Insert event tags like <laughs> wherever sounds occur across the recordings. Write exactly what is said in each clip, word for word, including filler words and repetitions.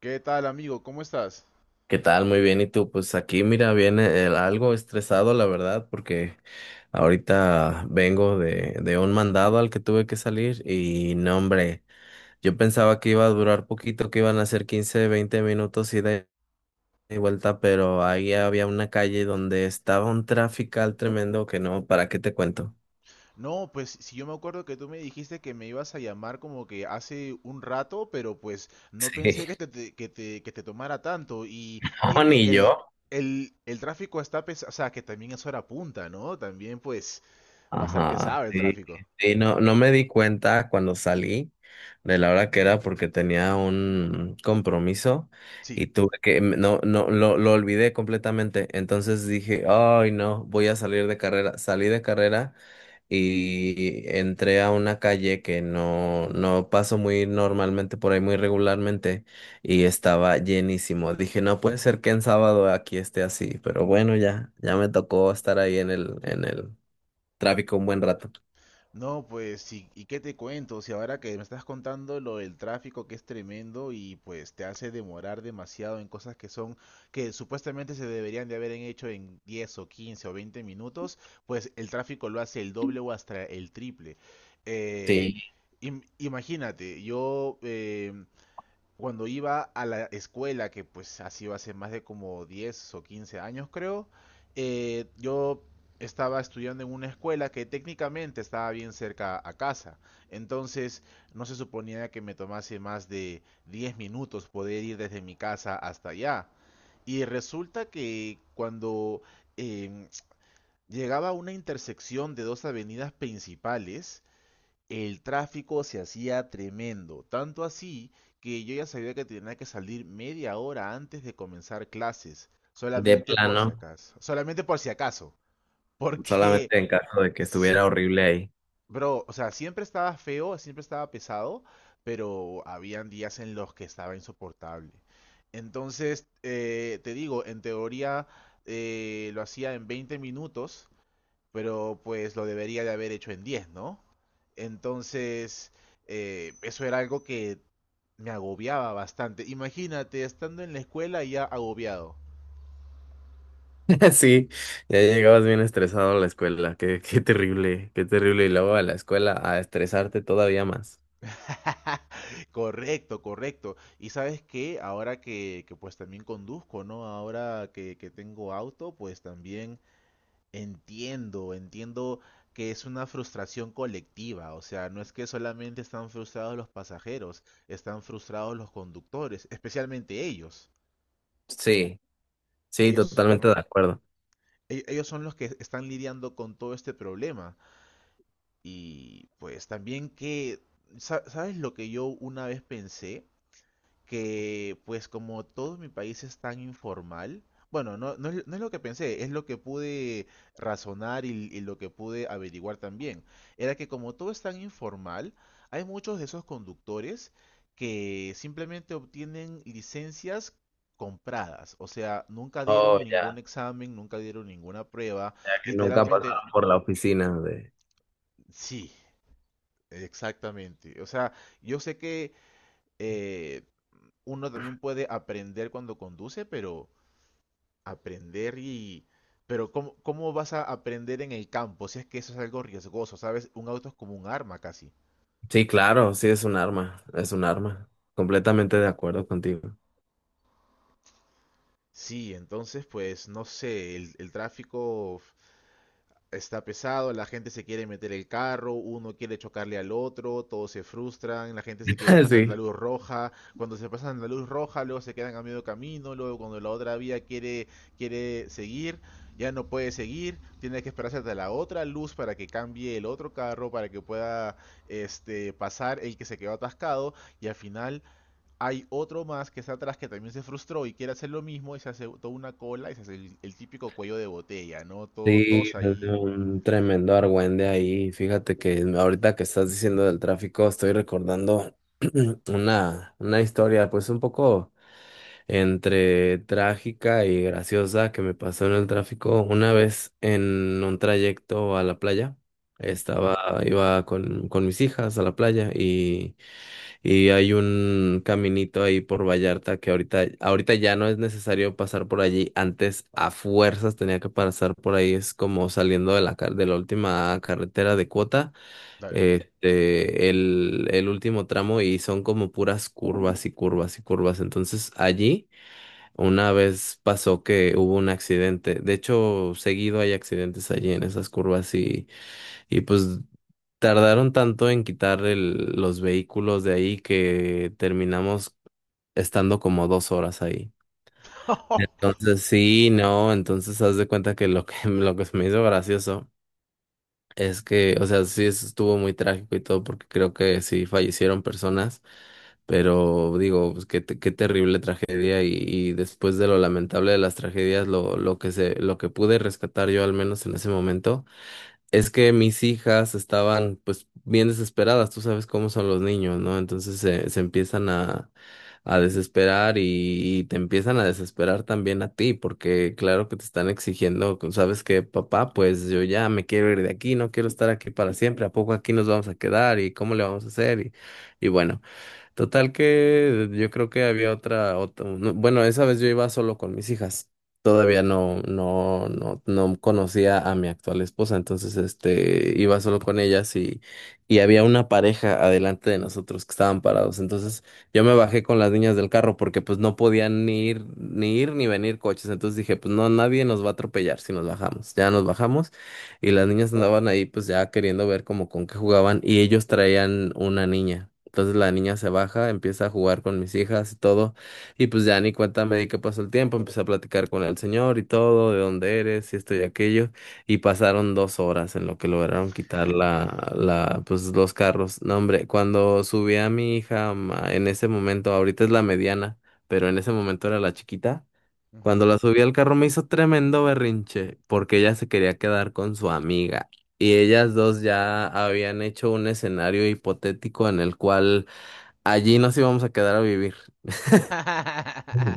¿Qué tal, amigo? ¿Cómo estás? ¿Qué tal? Muy bien. ¿Y tú? Pues aquí, mira, viene el- algo estresado, la verdad, porque ahorita vengo de, de un mandado al que tuve que salir y, no, hombre, yo pensaba que iba a durar poquito, que iban a ser quince, veinte minutos ida y vuelta, pero ahí había una calle donde estaba un trafical tremendo que, no, ¿para qué te cuento? <laughs> No, pues si yo me acuerdo que tú me dijiste que me ibas a llamar como que hace un rato, pero pues no pensé Sí, que te, te- que te, que te tomara tanto. Y no, dime, ni el, yo. el, el tráfico está pesado, o sea, que también es hora punta, ¿no? También pues va a estar Ajá, pesado el sí, tráfico. sí, no, no me di cuenta cuando salí de la hora que era porque tenía un compromiso Sí. y tuve que, m- no, no, lo, lo olvidé completamente. Entonces dije, ay, no, voy a salir de carrera. Salí de carrera y entré a una calle que no, no paso muy normalmente por ahí, muy regularmente, y estaba llenísimo. Dije, no puede ser que en sábado aquí esté así, pero bueno, ya, ya me tocó estar ahí en el, en el tráfico un buen rato. No, pues, ¿y, y qué te cuento? Si ahora que me estás contando lo del tráfico que es tremendo y pues te hace demorar demasiado en cosas que son, que supuestamente se deberían de haber hecho en diez o quince o veinte minutos, pues el tráfico lo hace el doble o hasta el triple. Eh, Sí, im- Imagínate, yo eh, cuando iba a la escuela, que pues ha sido hace más de como diez o quince años creo, eh, yo estaba estudiando en una escuela que técnicamente estaba bien cerca a casa. Entonces no se suponía que me tomase más de diez minutos poder ir desde mi casa hasta allá. Y resulta que cuando em, llegaba a una intersección de dos avenidas principales, el tráfico se hacía tremendo, tanto así que yo ya sabía que tenía que salir media hora antes de comenzar clases, de solamente por si plano, acaso, solamente por si acaso. <laughs> Porque solamente en caso de que sí, estuviera horrible ahí. bro, o sea, siempre estaba feo, siempre estaba pesado, pero habían días en los que estaba insoportable. Entonces, eh, te digo, en teoría eh, lo hacía en veinte minutos, pero pues lo debería de haber hecho en diez, ¿no? Entonces, eh, eso era algo que me agobiaba bastante. Imagínate, estando en la escuela ya agobiado. <laughs> Sí, ya llegabas bien estresado a la escuela. Qué, qué terrible, qué terrible. Y luego a la escuela a estresarte todavía más. <laughs> Correcto, correcto. Y sabes qué, ahora que, que pues también conduzco, ¿no? Ahora que, que tengo auto, pues también entiendo, entiendo que es una frustración colectiva, o sea, no es que solamente están frustrados los pasajeros, están frustrados los conductores, especialmente ellos. Sí, sí, Ellos, totalmente de ¿no? acuerdo. E- Ellos son los que están lidiando con todo este problema. Y pues también que, sa- ¿sabes lo que yo una vez pensé? Que pues como todo mi país es tan informal, bueno, no, no es, no es lo que pensé, es lo que pude razonar y, y lo que pude averiguar también. Era que como todo es tan informal, hay muchos de esos conductores que simplemente obtienen licencias compradas, o sea, nunca Oh, dieron ningún ya, examen, nunca dieron ninguna prueba, ya que nunca literalmente, pasaron por la oficina de... sí, exactamente. O sea, yo sé que eh, uno también puede aprender cuando conduce, pero aprender y. Pero ¿cómo, cómo vas a aprender en el campo? Si es que eso es algo riesgoso, ¿sabes? Un auto es como un arma casi. Sí, claro, sí, es un arma, es un arma. Completamente de acuerdo contigo. Sí, entonces pues no sé, el, el tráfico está pesado, la gente se quiere meter el carro, uno quiere chocarle al otro, todos se frustran, la gente se quiere <laughs> pasar la Sí. luz roja, cuando se pasan la luz roja, luego se quedan a medio camino, luego cuando la otra vía quiere, quiere seguir, ya no puede seguir, tiene que esperarse hasta la otra luz para que cambie el otro carro, para que pueda este, pasar el que se quedó atascado, y al final hay otro más que está atrás que también se frustró y quiere hacer lo mismo y se hace toda una cola y se hace el, el típico cuello de botella, ¿no? Todo, Sí, todos es de ahí. un tremendo argüende ahí. Fíjate que ahorita que estás diciendo del tráfico, estoy recordando <clears throat> una, una historia, pues un poco entre trágica y graciosa que me pasó en el tráfico. Una vez en un trayecto a la playa, Ujú. estaba, iba con, con mis hijas a la playa y y hay un caminito ahí por Vallarta que ahorita, ahorita ya no es necesario pasar por allí. Antes a fuerzas tenía que pasar por ahí. Es como saliendo de la, car- de la última carretera de cuota, Dale. este, el, el último tramo y son como puras curvas y curvas y curvas. Entonces allí una vez pasó que hubo un accidente. De hecho, seguido hay accidentes allí en esas curvas, y, y pues tardaron tanto en quitar el- los vehículos de ahí que terminamos estando como dos horas ahí. Entonces, sí, no, entonces haz de cuenta que lo que, <laughs> lo que se me hizo gracioso es que, o sea, sí, eso estuvo muy trágico y todo, porque creo que sí fallecieron personas, pero digo, pues, qué, te- qué terrible tragedia y, y después de lo lamentable de las tragedias, lo, lo que se, lo que pude rescatar yo al menos en ese momento es que mis hijas estaban pues bien desesperadas, tú sabes cómo son los niños, ¿no? Entonces se, se empiezan a, a desesperar, y, y te empiezan a desesperar también a ti, porque claro que te están exigiendo, ¿sabes qué, papá? Pues yo ya me quiero ir de aquí, no quiero estar aquí para siempre, ¿a poco aquí nos vamos a quedar? ¿Y cómo le vamos a hacer? Y, y bueno. Total que yo creo que había otra, otra, no, bueno, esa vez yo iba solo con mis hijas. Todavía no, no, no, no conocía a mi actual esposa, entonces este iba solo con ellas, y, y había una pareja adelante de nosotros que estaban parados. Entonces yo me bajé con las niñas del carro porque pues no podían ni ir, ni ir, ni venir coches. Entonces dije, pues no, nadie nos va a atropellar si nos bajamos. Ya nos bajamos y las niñas andaban ahí pues ya queriendo ver como con qué jugaban y ellos traían una niña. Entonces la niña se baja, empieza a jugar con mis hijas y todo, y pues ya ni cuenta me di que pasó el tiempo, empecé a platicar con el señor y todo, de dónde eres, y esto y aquello, y pasaron dos horas en lo que lograron quitar la, la, pues los carros. No, hombre, cuando subí a mi hija, ma- en ese momento, ahorita es la mediana, pero en ese momento era la chiquita, Ujú. cuando la subí al carro me hizo tremendo berrinche, porque ella se quería quedar con su amiga. Y ellas dos ya habían hecho un escenario hipotético en el cual allí nos íbamos a quedar a vivir.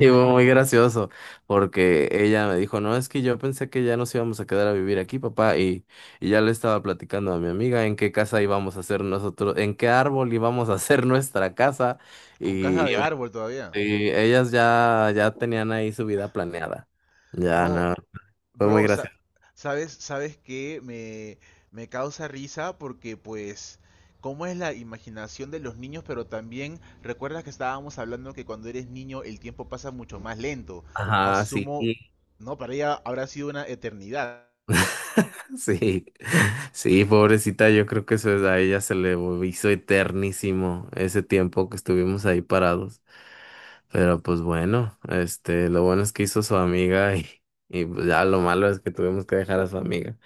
Y fue muy gracioso, porque ella me dijo, no, es que yo pensé que ya nos íbamos a quedar a vivir aquí, papá, y, y ya le estaba platicando a mi amiga en qué casa íbamos a hacer nosotros, en qué árbol íbamos a hacer <laughs> nuestra casa, Con casa y, y de árbol todavía. me- y ellas ya, ya tenían ahí su vida planeada. Ya, No, no, fue muy bro, sa- gracioso. ¿sabes, sabes qué? Me, me causa risa porque pues, ¿cómo es la imaginación de los niños? Pero también recuerdas que estábamos hablando que cuando eres niño el tiempo pasa mucho más lento. Ajá, sí. Asumo, no, para ella habrá sido una eternidad. <laughs> Sí, sí, pobrecita, yo creo que eso es- a ella se le hizo eternísimo ese tiempo que estuvimos ahí parados. Pero pues bueno, este, lo bueno es que hizo su amiga, y, y pues ya lo malo es que tuvimos que dejar a su amiga.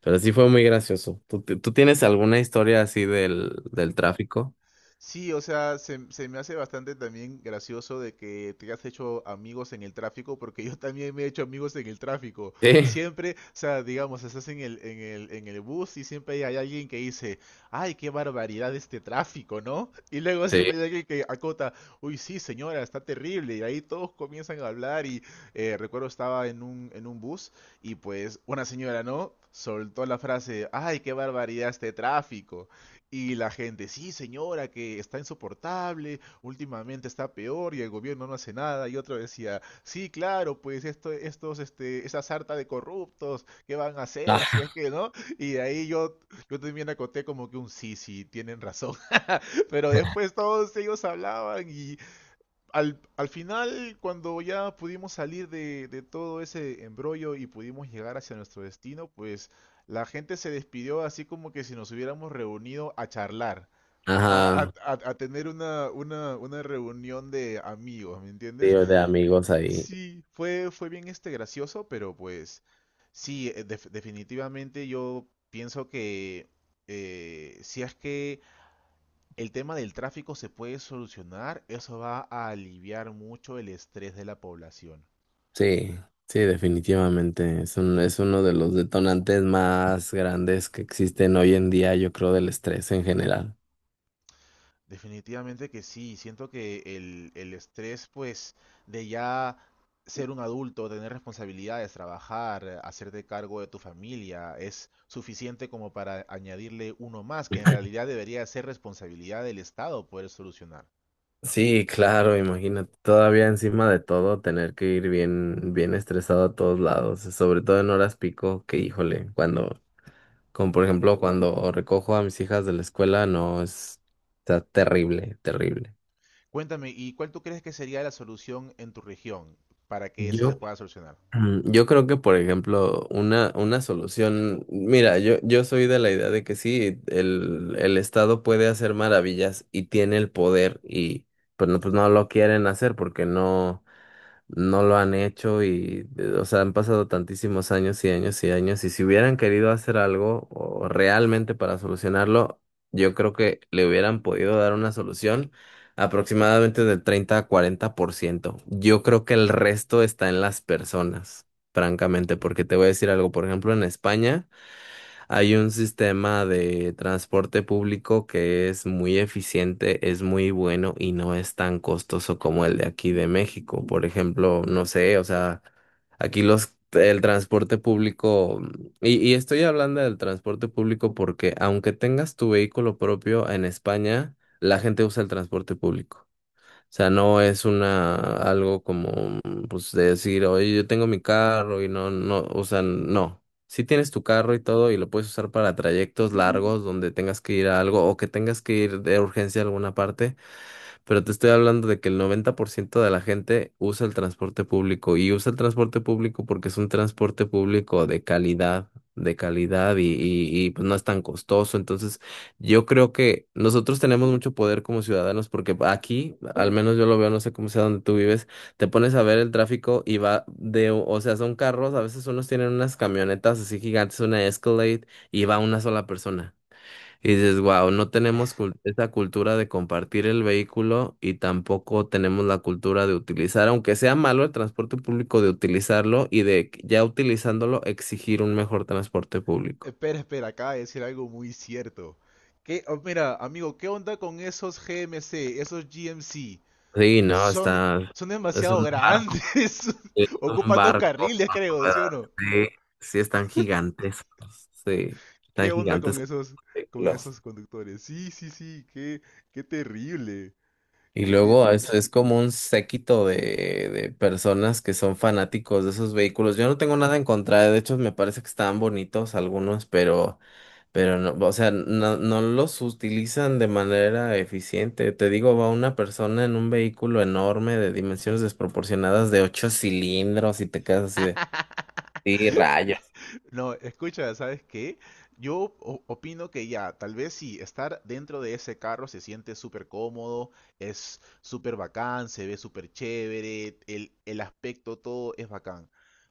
Pero sí fue muy gracioso. ¿Tú, ti- tú tienes alguna historia así del, del tráfico? Sí, o sea, se, se me hace bastante también gracioso de que te has hecho amigos en el tráfico, porque yo también me he hecho amigos en el tráfico. Sí, Siempre, o sea, digamos, estás en el, en el, en el bus y siempre hay alguien que dice, ay, qué barbaridad este tráfico, ¿no? Y luego sí. siempre hay alguien que acota, uy, sí, señora, está terrible. Y ahí todos comienzan a hablar y eh, recuerdo estaba en un, en un bus y pues una señora, ¿no? Soltó la frase, ay, qué barbaridad este tráfico. Y la gente, sí, señora, que está insoportable, últimamente está peor y el gobierno no hace nada. Y otro decía, sí, claro, pues esto, estos, este, esa sarta de corruptos, ¿qué van a hacer si es que no? Y de ahí yo, yo también acoté como que un sí, sí, tienen razón. <laughs> Pero después todos ellos hablaban y al, al final, cuando ya pudimos salir de, de todo ese embrollo y pudimos llegar hacia nuestro destino, pues la gente se despidió así como que si nos hubiéramos reunido a charlar a, Ajá, a- a- a tener una, una, una reunión de amigos, ¿me entiendes? tío, de amigos ahí. Sí, fue, fue bien este gracioso, pero pues sí, eh, def- definitivamente yo pienso que eh, si es que el tema del tráfico se puede solucionar, eso va a aliviar mucho el estrés de la población. Sí, sí, definitivamente. Es un- es uno de los detonantes más grandes que existen hoy en día, yo creo, del estrés en general. Definitivamente que sí, siento que el, el estrés, pues, de ya ser un adulto, tener responsabilidades, trabajar, eh, hacerte cargo de tu familia, es suficiente como para añadirle uno más, que en realidad debería ser responsabilidad del Estado poder solucionar. Sí, claro, imagínate, todavía encima de todo tener que ir bien, bien estresado a todos lados, sobre todo en horas pico, que híjole, cuando, como por ejemplo, cuando recojo a mis hijas de la escuela, no es, está terrible, terrible. Cuéntame, ¿y cuál tú crees que sería la solución en tu región para que eso se Yo pueda solucionar? Mm, Yo creo que, por ejemplo, una, una solución, mira, yo, yo soy de la idea de que sí, el, el Estado puede hacer maravillas y tiene el poder y pues no, pues no lo quieren hacer porque no no lo han hecho y, eh, o sea, han pasado tantísimos años y años y años, y si hubieran querido hacer algo o realmente para solucionarlo, yo creo que le hubieran podido dar una solución aproximadamente del treinta a cuarenta por ciento. Yo creo que el resto está en las personas, francamente, porque te voy a decir algo, por ejemplo, en España. Hay un sistema de transporte público que es muy eficiente, es muy bueno y no es tan costoso como el de aquí de México. Por ejemplo, no sé, o sea, aquí los el transporte público, y, y estoy hablando del transporte público porque aunque tengas tu vehículo propio en España, la gente usa el transporte público, sea, no es una algo como, pues, de decir, oye, yo tengo mi carro y no, no, o sea, no. Si tienes tu carro y todo y lo puedes usar para trayectos largos donde tengas que ir a algo o que tengas que ir de urgencia a alguna parte, pero te estoy hablando de que el noventa por ciento de la gente usa el transporte público y usa el transporte público porque es un transporte público de calidad, de calidad, y, y, y, pues no es tan costoso. Entonces, yo creo que nosotros tenemos mucho poder como ciudadanos porque aquí, al menos yo lo veo, no sé cómo sea donde tú vives, te pones a ver el tráfico y va de, o sea, son carros, a veces unos tienen unas camionetas así gigantes, una Escalade, y va una sola persona. Y dices, wow, no tenemos <laughs> cul- esa cultura de compartir el vehículo y tampoco tenemos la cultura de utilizar, aunque sea malo el transporte público, de utilizarlo y de que ya utilizándolo exigir un mejor transporte público. Espera, espera, acaba de decir algo muy cierto. ¿Qué? Oh, mira, amigo, ¿qué onda con esos G M C, esos G M C? Sí, no, Son, está, son es demasiado un barco, grandes. es <laughs> un Ocupan dos barco carriles, con creo, ¿sí o ruedas, no? sí, sí están gigantes, sí, ¿Qué están onda con gigantes. esos, con esos conductores? Sí, sí, sí, qué, qué terrible, Y qué luego es, terrible. es como un séquito de, de personas que son fanáticos de esos vehículos. Yo no tengo nada en contra, de hecho me parece que están bonitos algunos, pero, pero no, o sea, no, no los utilizan de manera eficiente. Te digo, va una persona en un vehículo enorme de dimensiones desproporcionadas de ocho cilindros y te quedas así de, <laughs> sí, rayos, No, escucha, ¿sabes qué? Yo o- opino que ya, tal vez sí, estar dentro de ese carro se siente súper cómodo, es súper bacán, se ve súper chévere, el, el aspecto todo es bacán.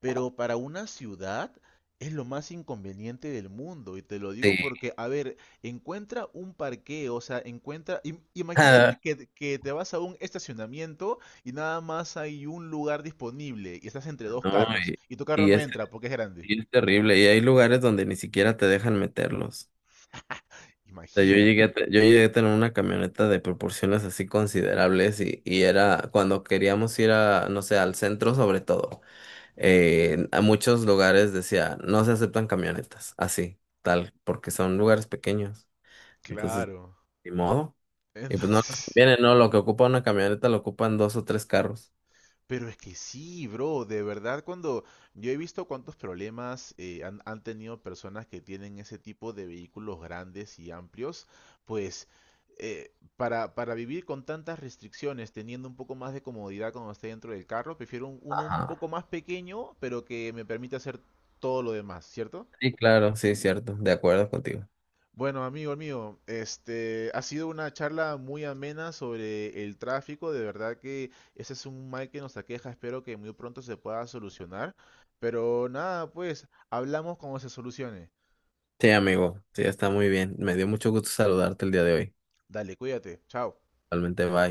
Pero para una ciudad es lo más inconveniente del mundo, y te lo sí. digo porque, a ver, encuentra un parqueo, o sea, encuentra, im- imagínate <laughs> que, que, te vas a un estacionamiento y nada más hay un lugar disponible y estás entre dos No, carros y, y tu carro y no es, entra porque es grande. y es terrible. Y hay lugares donde ni siquiera te dejan meterlos. <laughs> Sea, yo Imagina, llegué a, te- yo llegué a tener una camioneta de proporciones así considerables, y, y era cuando queríamos ir a, no sé, al centro sobre todo, eh, a muchos lugares decía, no se aceptan camionetas, así, tal, porque son lugares pequeños. Entonces, claro. ni modo. Y pues no les Entonces, <laughs> conviene, no, lo que ocupa una camioneta lo ocupan dos o tres carros. pero es que sí, bro, de verdad cuando yo he visto cuántos problemas eh, han, han tenido personas que tienen ese tipo de vehículos grandes y amplios, pues eh, para, para vivir con tantas restricciones, teniendo un poco más de comodidad cuando esté dentro del carro, prefiero un- uno un Ajá. poco más pequeño, pero que me permita hacer todo lo demás, ¿cierto? Sí, claro, sí, cierto, de acuerdo contigo. Bueno, amigo mío, este ha sido una charla muy amena sobre el tráfico. De verdad que ese es un mal que nos aqueja. Espero que muy pronto se pueda solucionar. Pero nada, pues hablamos cuando se solucione. Sí, amigo, sí, está muy bien. Me dio mucho gusto saludarte el día de hoy. Dale, cuídate. Chao. Realmente, bye.